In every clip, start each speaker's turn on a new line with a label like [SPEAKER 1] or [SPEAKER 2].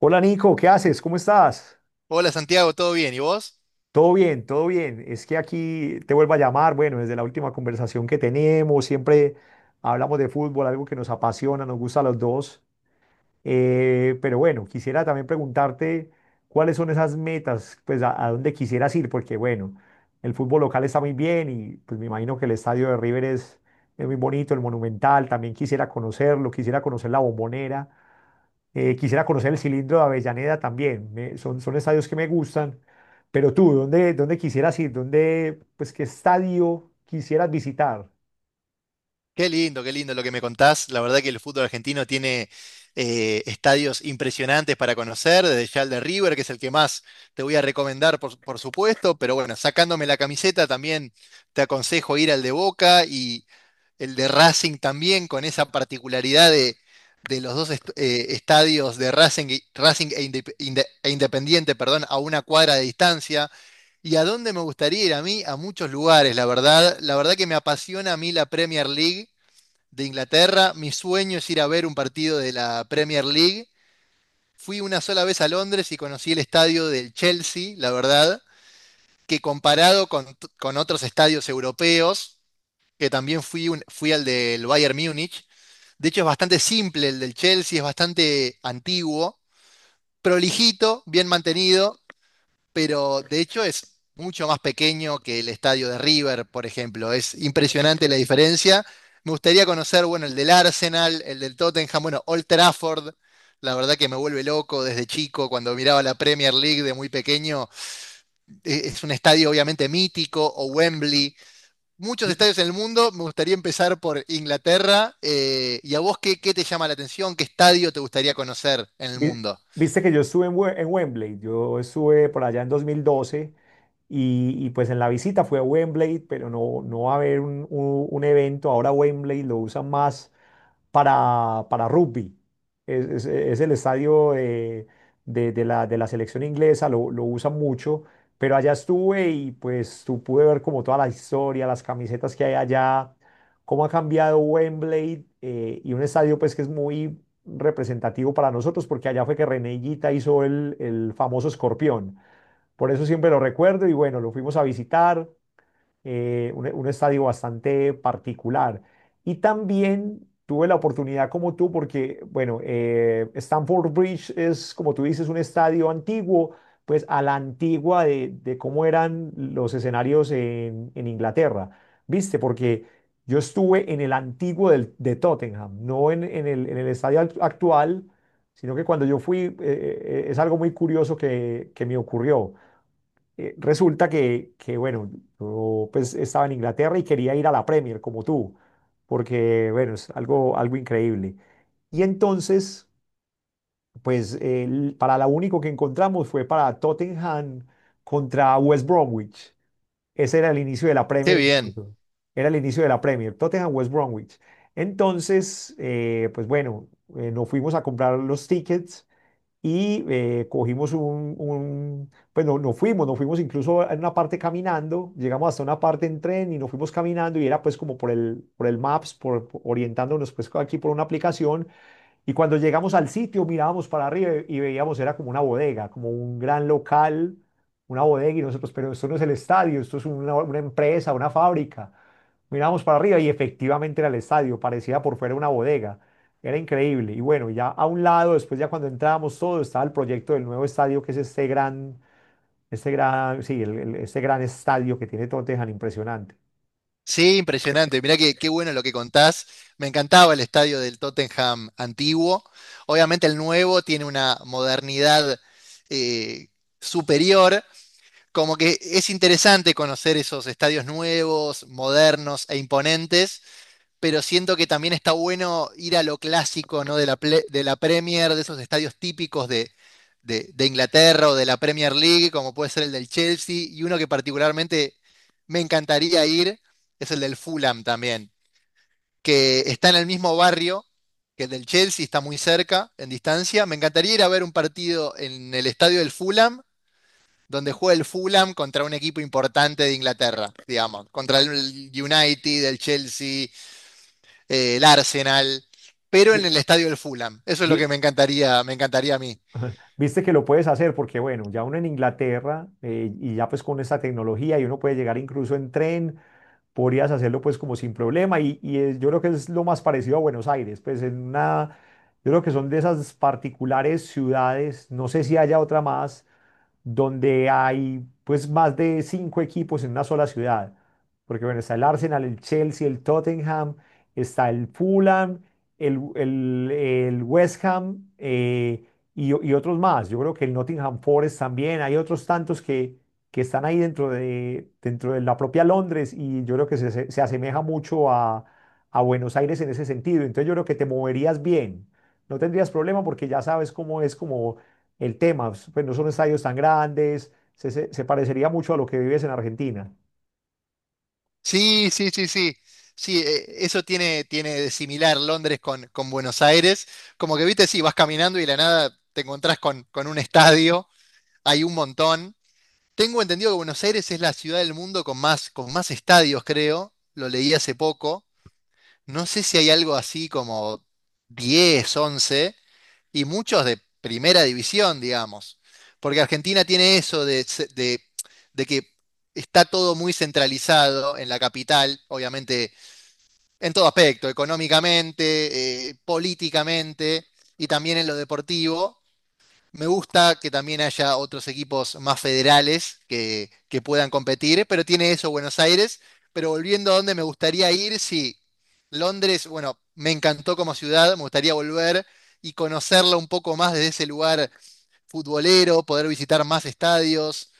[SPEAKER 1] Hola Nico, ¿qué haces? ¿Cómo estás?
[SPEAKER 2] Hola Santiago, ¿todo bien? ¿Y vos?
[SPEAKER 1] Todo bien, todo bien. Es que aquí te vuelvo a llamar, bueno, desde la última conversación que tenemos, siempre hablamos de fútbol, algo que nos apasiona, nos gusta a los dos. Pero bueno, quisiera también preguntarte cuáles son esas metas, pues a dónde quisieras ir, porque bueno, el fútbol local está muy bien y pues me imagino que el estadio de River es muy bonito, el Monumental, también quisiera conocerlo, quisiera conocer la Bombonera. Quisiera conocer el cilindro de Avellaneda también. Son estadios que me gustan. Pero tú, ¿ dónde quisieras ir? ¿Dónde, pues, qué estadio quisieras visitar?
[SPEAKER 2] Qué lindo lo que me contás. La verdad que el fútbol argentino tiene estadios impresionantes para conocer, desde ya el de River, que es el que más te voy a recomendar, por supuesto, pero bueno, sacándome la camiseta también te aconsejo ir al de Boca y el de Racing también, con esa particularidad de los dos estadios de Racing, Racing e Independiente, perdón, a una cuadra de distancia. ¿Y a dónde me gustaría ir a mí? A muchos lugares, la verdad. La verdad que me apasiona a mí la Premier League de Inglaterra. Mi sueño es ir a ver un partido de la Premier League. Fui una sola vez a Londres y conocí el estadio del Chelsea, la verdad, que comparado con otros estadios europeos, que también fui, fui al del Bayern Múnich. De hecho, es bastante simple el del Chelsea, es bastante antiguo, prolijito, bien mantenido, pero de hecho es mucho más pequeño que el estadio de River, por ejemplo. Es impresionante la diferencia. Me gustaría conocer, bueno, el del Arsenal, el del Tottenham, bueno, Old Trafford. La verdad que me vuelve loco desde chico, cuando miraba la Premier League de muy pequeño. Es un estadio obviamente mítico, o Wembley, muchos
[SPEAKER 1] Vi-
[SPEAKER 2] estadios en el mundo. Me gustaría empezar por Inglaterra. ¿Y a vos qué, qué te llama la atención? ¿Qué estadio te gustaría conocer en el
[SPEAKER 1] vi-
[SPEAKER 2] mundo?
[SPEAKER 1] Viste que yo estuve en Wembley. Yo estuve por allá en 2012 pues en la visita fue a Wembley, pero no va a haber un evento. Ahora Wembley lo usan más para rugby. Es el estadio de la selección inglesa, lo usan mucho, pero allá estuve y pues tú pude ver como toda la historia, las camisetas que hay allá, cómo ha cambiado Wembley y un estadio pues que es muy representativo para nosotros porque allá fue que René Higuita hizo el famoso escorpión. Por eso siempre lo recuerdo y bueno, lo fuimos a visitar, un estadio bastante particular. Y también tuve la oportunidad como tú, porque, bueno, Stamford Bridge es, como tú dices, un estadio antiguo, pues a la antigua de cómo eran los escenarios en Inglaterra, ¿viste? Porque yo estuve en el antiguo de Tottenham, no en el estadio actual, sino que cuando yo fui, es algo muy curioso que me ocurrió, resulta que, bueno, yo pues estaba en Inglaterra y quería ir a la Premier como tú, porque, bueno, es algo, algo increíble. Y entonces, pues eh, para la único que encontramos fue para Tottenham contra West Bromwich. Ese era el inicio de la
[SPEAKER 2] Qué
[SPEAKER 1] Premier
[SPEAKER 2] bien.
[SPEAKER 1] incluso. Era el inicio de la Premier, Tottenham West Bromwich. Entonces, bueno, nos fuimos a comprar los tickets y cogimos pues no, no fuimos, nos fuimos incluso en una parte caminando, llegamos hasta una parte en tren y nos fuimos caminando y era pues como por el Maps, orientándonos pues aquí por una aplicación. Y cuando llegamos al sitio, mirábamos para arriba y veíamos, era como una bodega, como un gran local, una bodega, y nosotros, pero esto no es el estadio, esto es una empresa, una fábrica. Mirábamos para arriba y efectivamente era el estadio, parecía por fuera una bodega. Era increíble. Y bueno, ya a un lado, después ya cuando entrábamos todo, estaba el proyecto del nuevo estadio, que es este gran, sí, el- este gran estadio que tiene Tottenham, impresionante.
[SPEAKER 2] Sí, impresionante. Mirá que, qué bueno lo que contás. Me encantaba el estadio del Tottenham antiguo. Obviamente el nuevo tiene una modernidad eh, superior. Como que es interesante conocer esos estadios nuevos, modernos e imponentes. Pero siento que también está bueno ir a lo clásico, ¿no? De la Premier, de esos estadios típicos de, de Inglaterra o de la Premier League, como puede ser el del Chelsea, y uno que particularmente me encantaría ir es el del Fulham también, que está en el mismo barrio que el del Chelsea, está muy cerca, en distancia. Me encantaría ir a ver un partido en el estadio del Fulham, donde juega el Fulham contra un equipo importante de Inglaterra, digamos, contra el United, el Chelsea, el Arsenal, pero en
[SPEAKER 1] Vi-
[SPEAKER 2] el estadio del Fulham. Eso es lo
[SPEAKER 1] vi-
[SPEAKER 2] que me encantaría a mí.
[SPEAKER 1] Viste que lo puedes hacer porque, bueno, ya uno en Inglaterra, y ya pues con esta tecnología y uno puede llegar incluso en tren, podrías hacerlo pues como sin problema y yo creo que es lo más parecido a Buenos Aires, pues en una, yo creo que son de esas particulares ciudades, no sé si haya otra más donde hay pues más de 5 equipos en una sola ciudad. Porque bueno, está el Arsenal, el Chelsea, el Tottenham, está el Fulham, el West Ham, y otros más. Yo creo que el Nottingham Forest también. Hay otros tantos que están ahí dentro de la propia Londres y yo creo que se asemeja mucho a Buenos Aires en ese sentido. Entonces yo creo que te moverías bien. No tendrías problema porque ya sabes cómo es como el tema. Pues no son estadios tan grandes, se parecería mucho a lo que vives en Argentina.
[SPEAKER 2] Sí, sí, sí, sí. Sí, eso tiene, tiene de similar Londres con Buenos Aires. Como que, viste, sí, vas caminando y de la nada te encontrás con un estadio, hay un montón. Tengo entendido que Buenos Aires es la ciudad del mundo con más estadios, creo. Lo leí hace poco. No sé si hay algo así como 10, once, y muchos de primera división, digamos. Porque Argentina tiene eso de que está todo muy centralizado en la capital, obviamente, en todo aspecto, económicamente, políticamente y también en lo deportivo. Me gusta que también haya otros equipos más federales que puedan competir, pero tiene eso Buenos Aires. Pero volviendo a donde me gustaría ir, sí, Londres, bueno, me encantó como ciudad, me gustaría volver y conocerla un poco más desde ese lugar futbolero, poder visitar más estadios,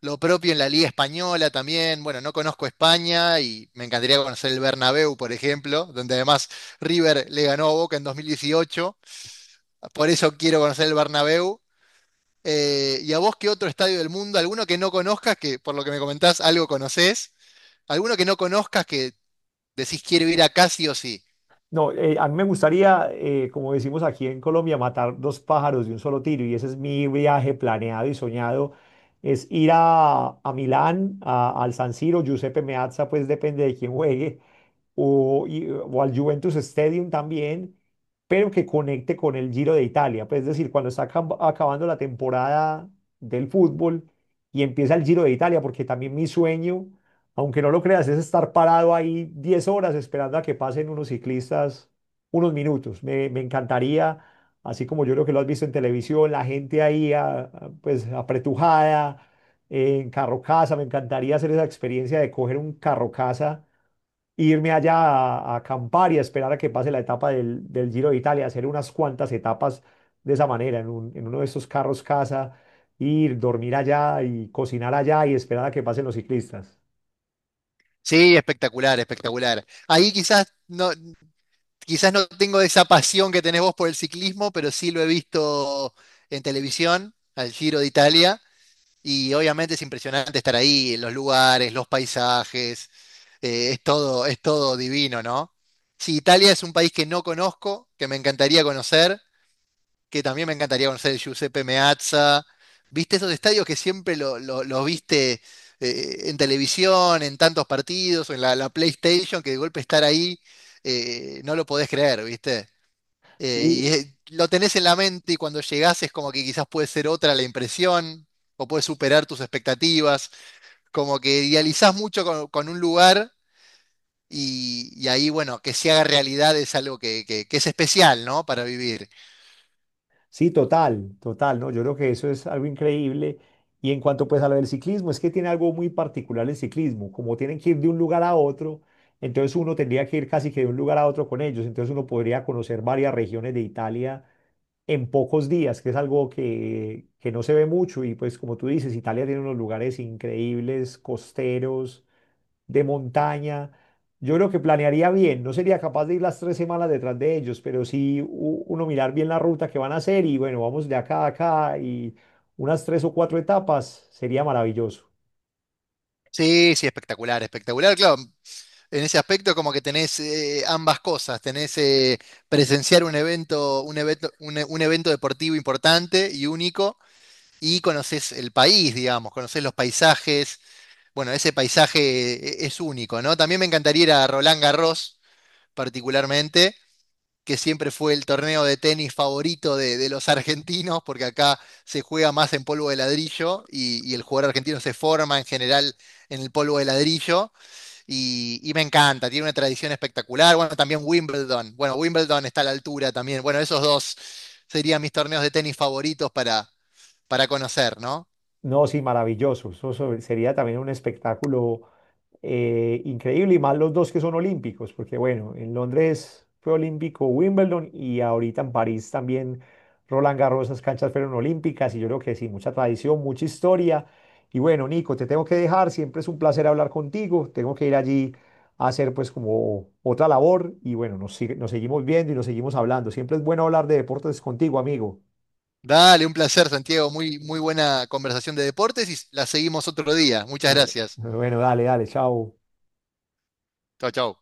[SPEAKER 2] lo propio en la Liga Española también. Bueno, no conozco España y me encantaría conocer el Bernabéu, por ejemplo, donde además River le ganó a Boca en 2018. Por eso quiero conocer el Bernabéu. ¿Y a vos qué otro estadio del mundo? ¿Alguno que no conozcas, que por lo que me comentás algo conocés? ¿Alguno que no conozcas que decís quiero ir acá sí o sí?
[SPEAKER 1] No, a mí me gustaría, como decimos aquí en Colombia, matar dos pájaros de un solo tiro y ese es mi viaje planeado y soñado, es ir a Milán, al San Siro, Giuseppe Meazza, pues depende de quién juegue, o al Juventus Stadium también, pero que conecte con el Giro de Italia. Pues, es decir, cuando está acabando la temporada del fútbol y empieza el Giro de Italia, porque también mi sueño, aunque no lo creas, es estar parado ahí 10 horas esperando a que pasen unos ciclistas unos minutos. Me encantaría, así como yo creo que lo has visto en televisión, la gente ahí pues apretujada. En carro casa, me encantaría hacer esa experiencia de coger un carro, irme allá a acampar y a esperar a que pase la etapa del Giro de Italia, hacer unas cuantas etapas de esa manera, en uno de esos carros casa, ir, dormir allá y cocinar allá y esperar a que pasen los ciclistas.
[SPEAKER 2] Sí, espectacular, espectacular. Ahí quizás no tengo esa pasión que tenés vos por el ciclismo, pero sí lo he visto en televisión, al Giro de Italia, y obviamente es impresionante estar ahí, los lugares, los paisajes, es todo divino, ¿no? Sí, Italia es un país que no conozco, que me encantaría conocer. Que también me encantaría conocer el Giuseppe Meazza. ¿Viste esos estadios que siempre lo, lo viste en televisión, en tantos partidos, o en la, la PlayStation, que de golpe estar ahí, no lo podés creer, ¿viste?
[SPEAKER 1] Sí,
[SPEAKER 2] Y lo tenés en la mente y cuando llegás es como que quizás puede ser otra la impresión, o puedes superar tus expectativas, como que idealizás mucho con un lugar y ahí, bueno, que se haga realidad es algo que que es especial, ¿no? Para vivir.
[SPEAKER 1] sí, total, total, ¿no? Yo creo que eso es algo increíble. Y en cuanto pues a lo del ciclismo, es que tiene algo muy particular el ciclismo, como tienen que ir de un lugar a otro, entonces uno tendría que ir casi que de un lugar a otro con ellos, entonces uno podría conocer varias regiones de Italia en pocos días, que es algo que no se ve mucho. Y pues como tú dices, Italia tiene unos lugares increíbles, costeros, de montaña. Yo creo que planearía bien, no sería capaz de ir las 3 semanas detrás de ellos, pero sí uno mirar bien la ruta que van a hacer y bueno, vamos de acá a acá y unas tres o cuatro etapas sería maravilloso.
[SPEAKER 2] Sí, sí, espectacular, espectacular. Claro, en ese aspecto, como que tenés ambas cosas, tenés presenciar un evento, un evento, un evento deportivo importante y único, y conocés el país, digamos, conocés los paisajes. Bueno, ese paisaje es único, ¿no? También me encantaría ir a Roland Garros, particularmente, que siempre fue el torneo de tenis favorito de los argentinos, porque acá se juega más en polvo de ladrillo y el jugador argentino se forma en general en el polvo de ladrillo. Y me encanta, tiene una tradición espectacular. Bueno, también Wimbledon. Bueno, Wimbledon está a la altura también. Bueno, esos dos serían mis torneos de tenis favoritos para conocer, ¿no?
[SPEAKER 1] No, sí, maravilloso. Eso sería también un espectáculo increíble y más los dos que son olímpicos, porque bueno, en Londres fue olímpico Wimbledon y ahorita en París también Roland Garros, esas canchas fueron olímpicas y yo creo que sí, mucha tradición, mucha historia. Y bueno, Nico, te tengo que dejar, siempre es un placer hablar contigo, tengo que ir allí a hacer pues como otra labor y bueno, nos seguimos viendo y nos seguimos hablando. Siempre es bueno hablar de deportes contigo, amigo.
[SPEAKER 2] Dale, un placer, Santiago. Muy, muy buena conversación de deportes y la seguimos otro día. Muchas
[SPEAKER 1] Eh,
[SPEAKER 2] gracias.
[SPEAKER 1] Bueno, dale, dale, chao.
[SPEAKER 2] Chau, chau.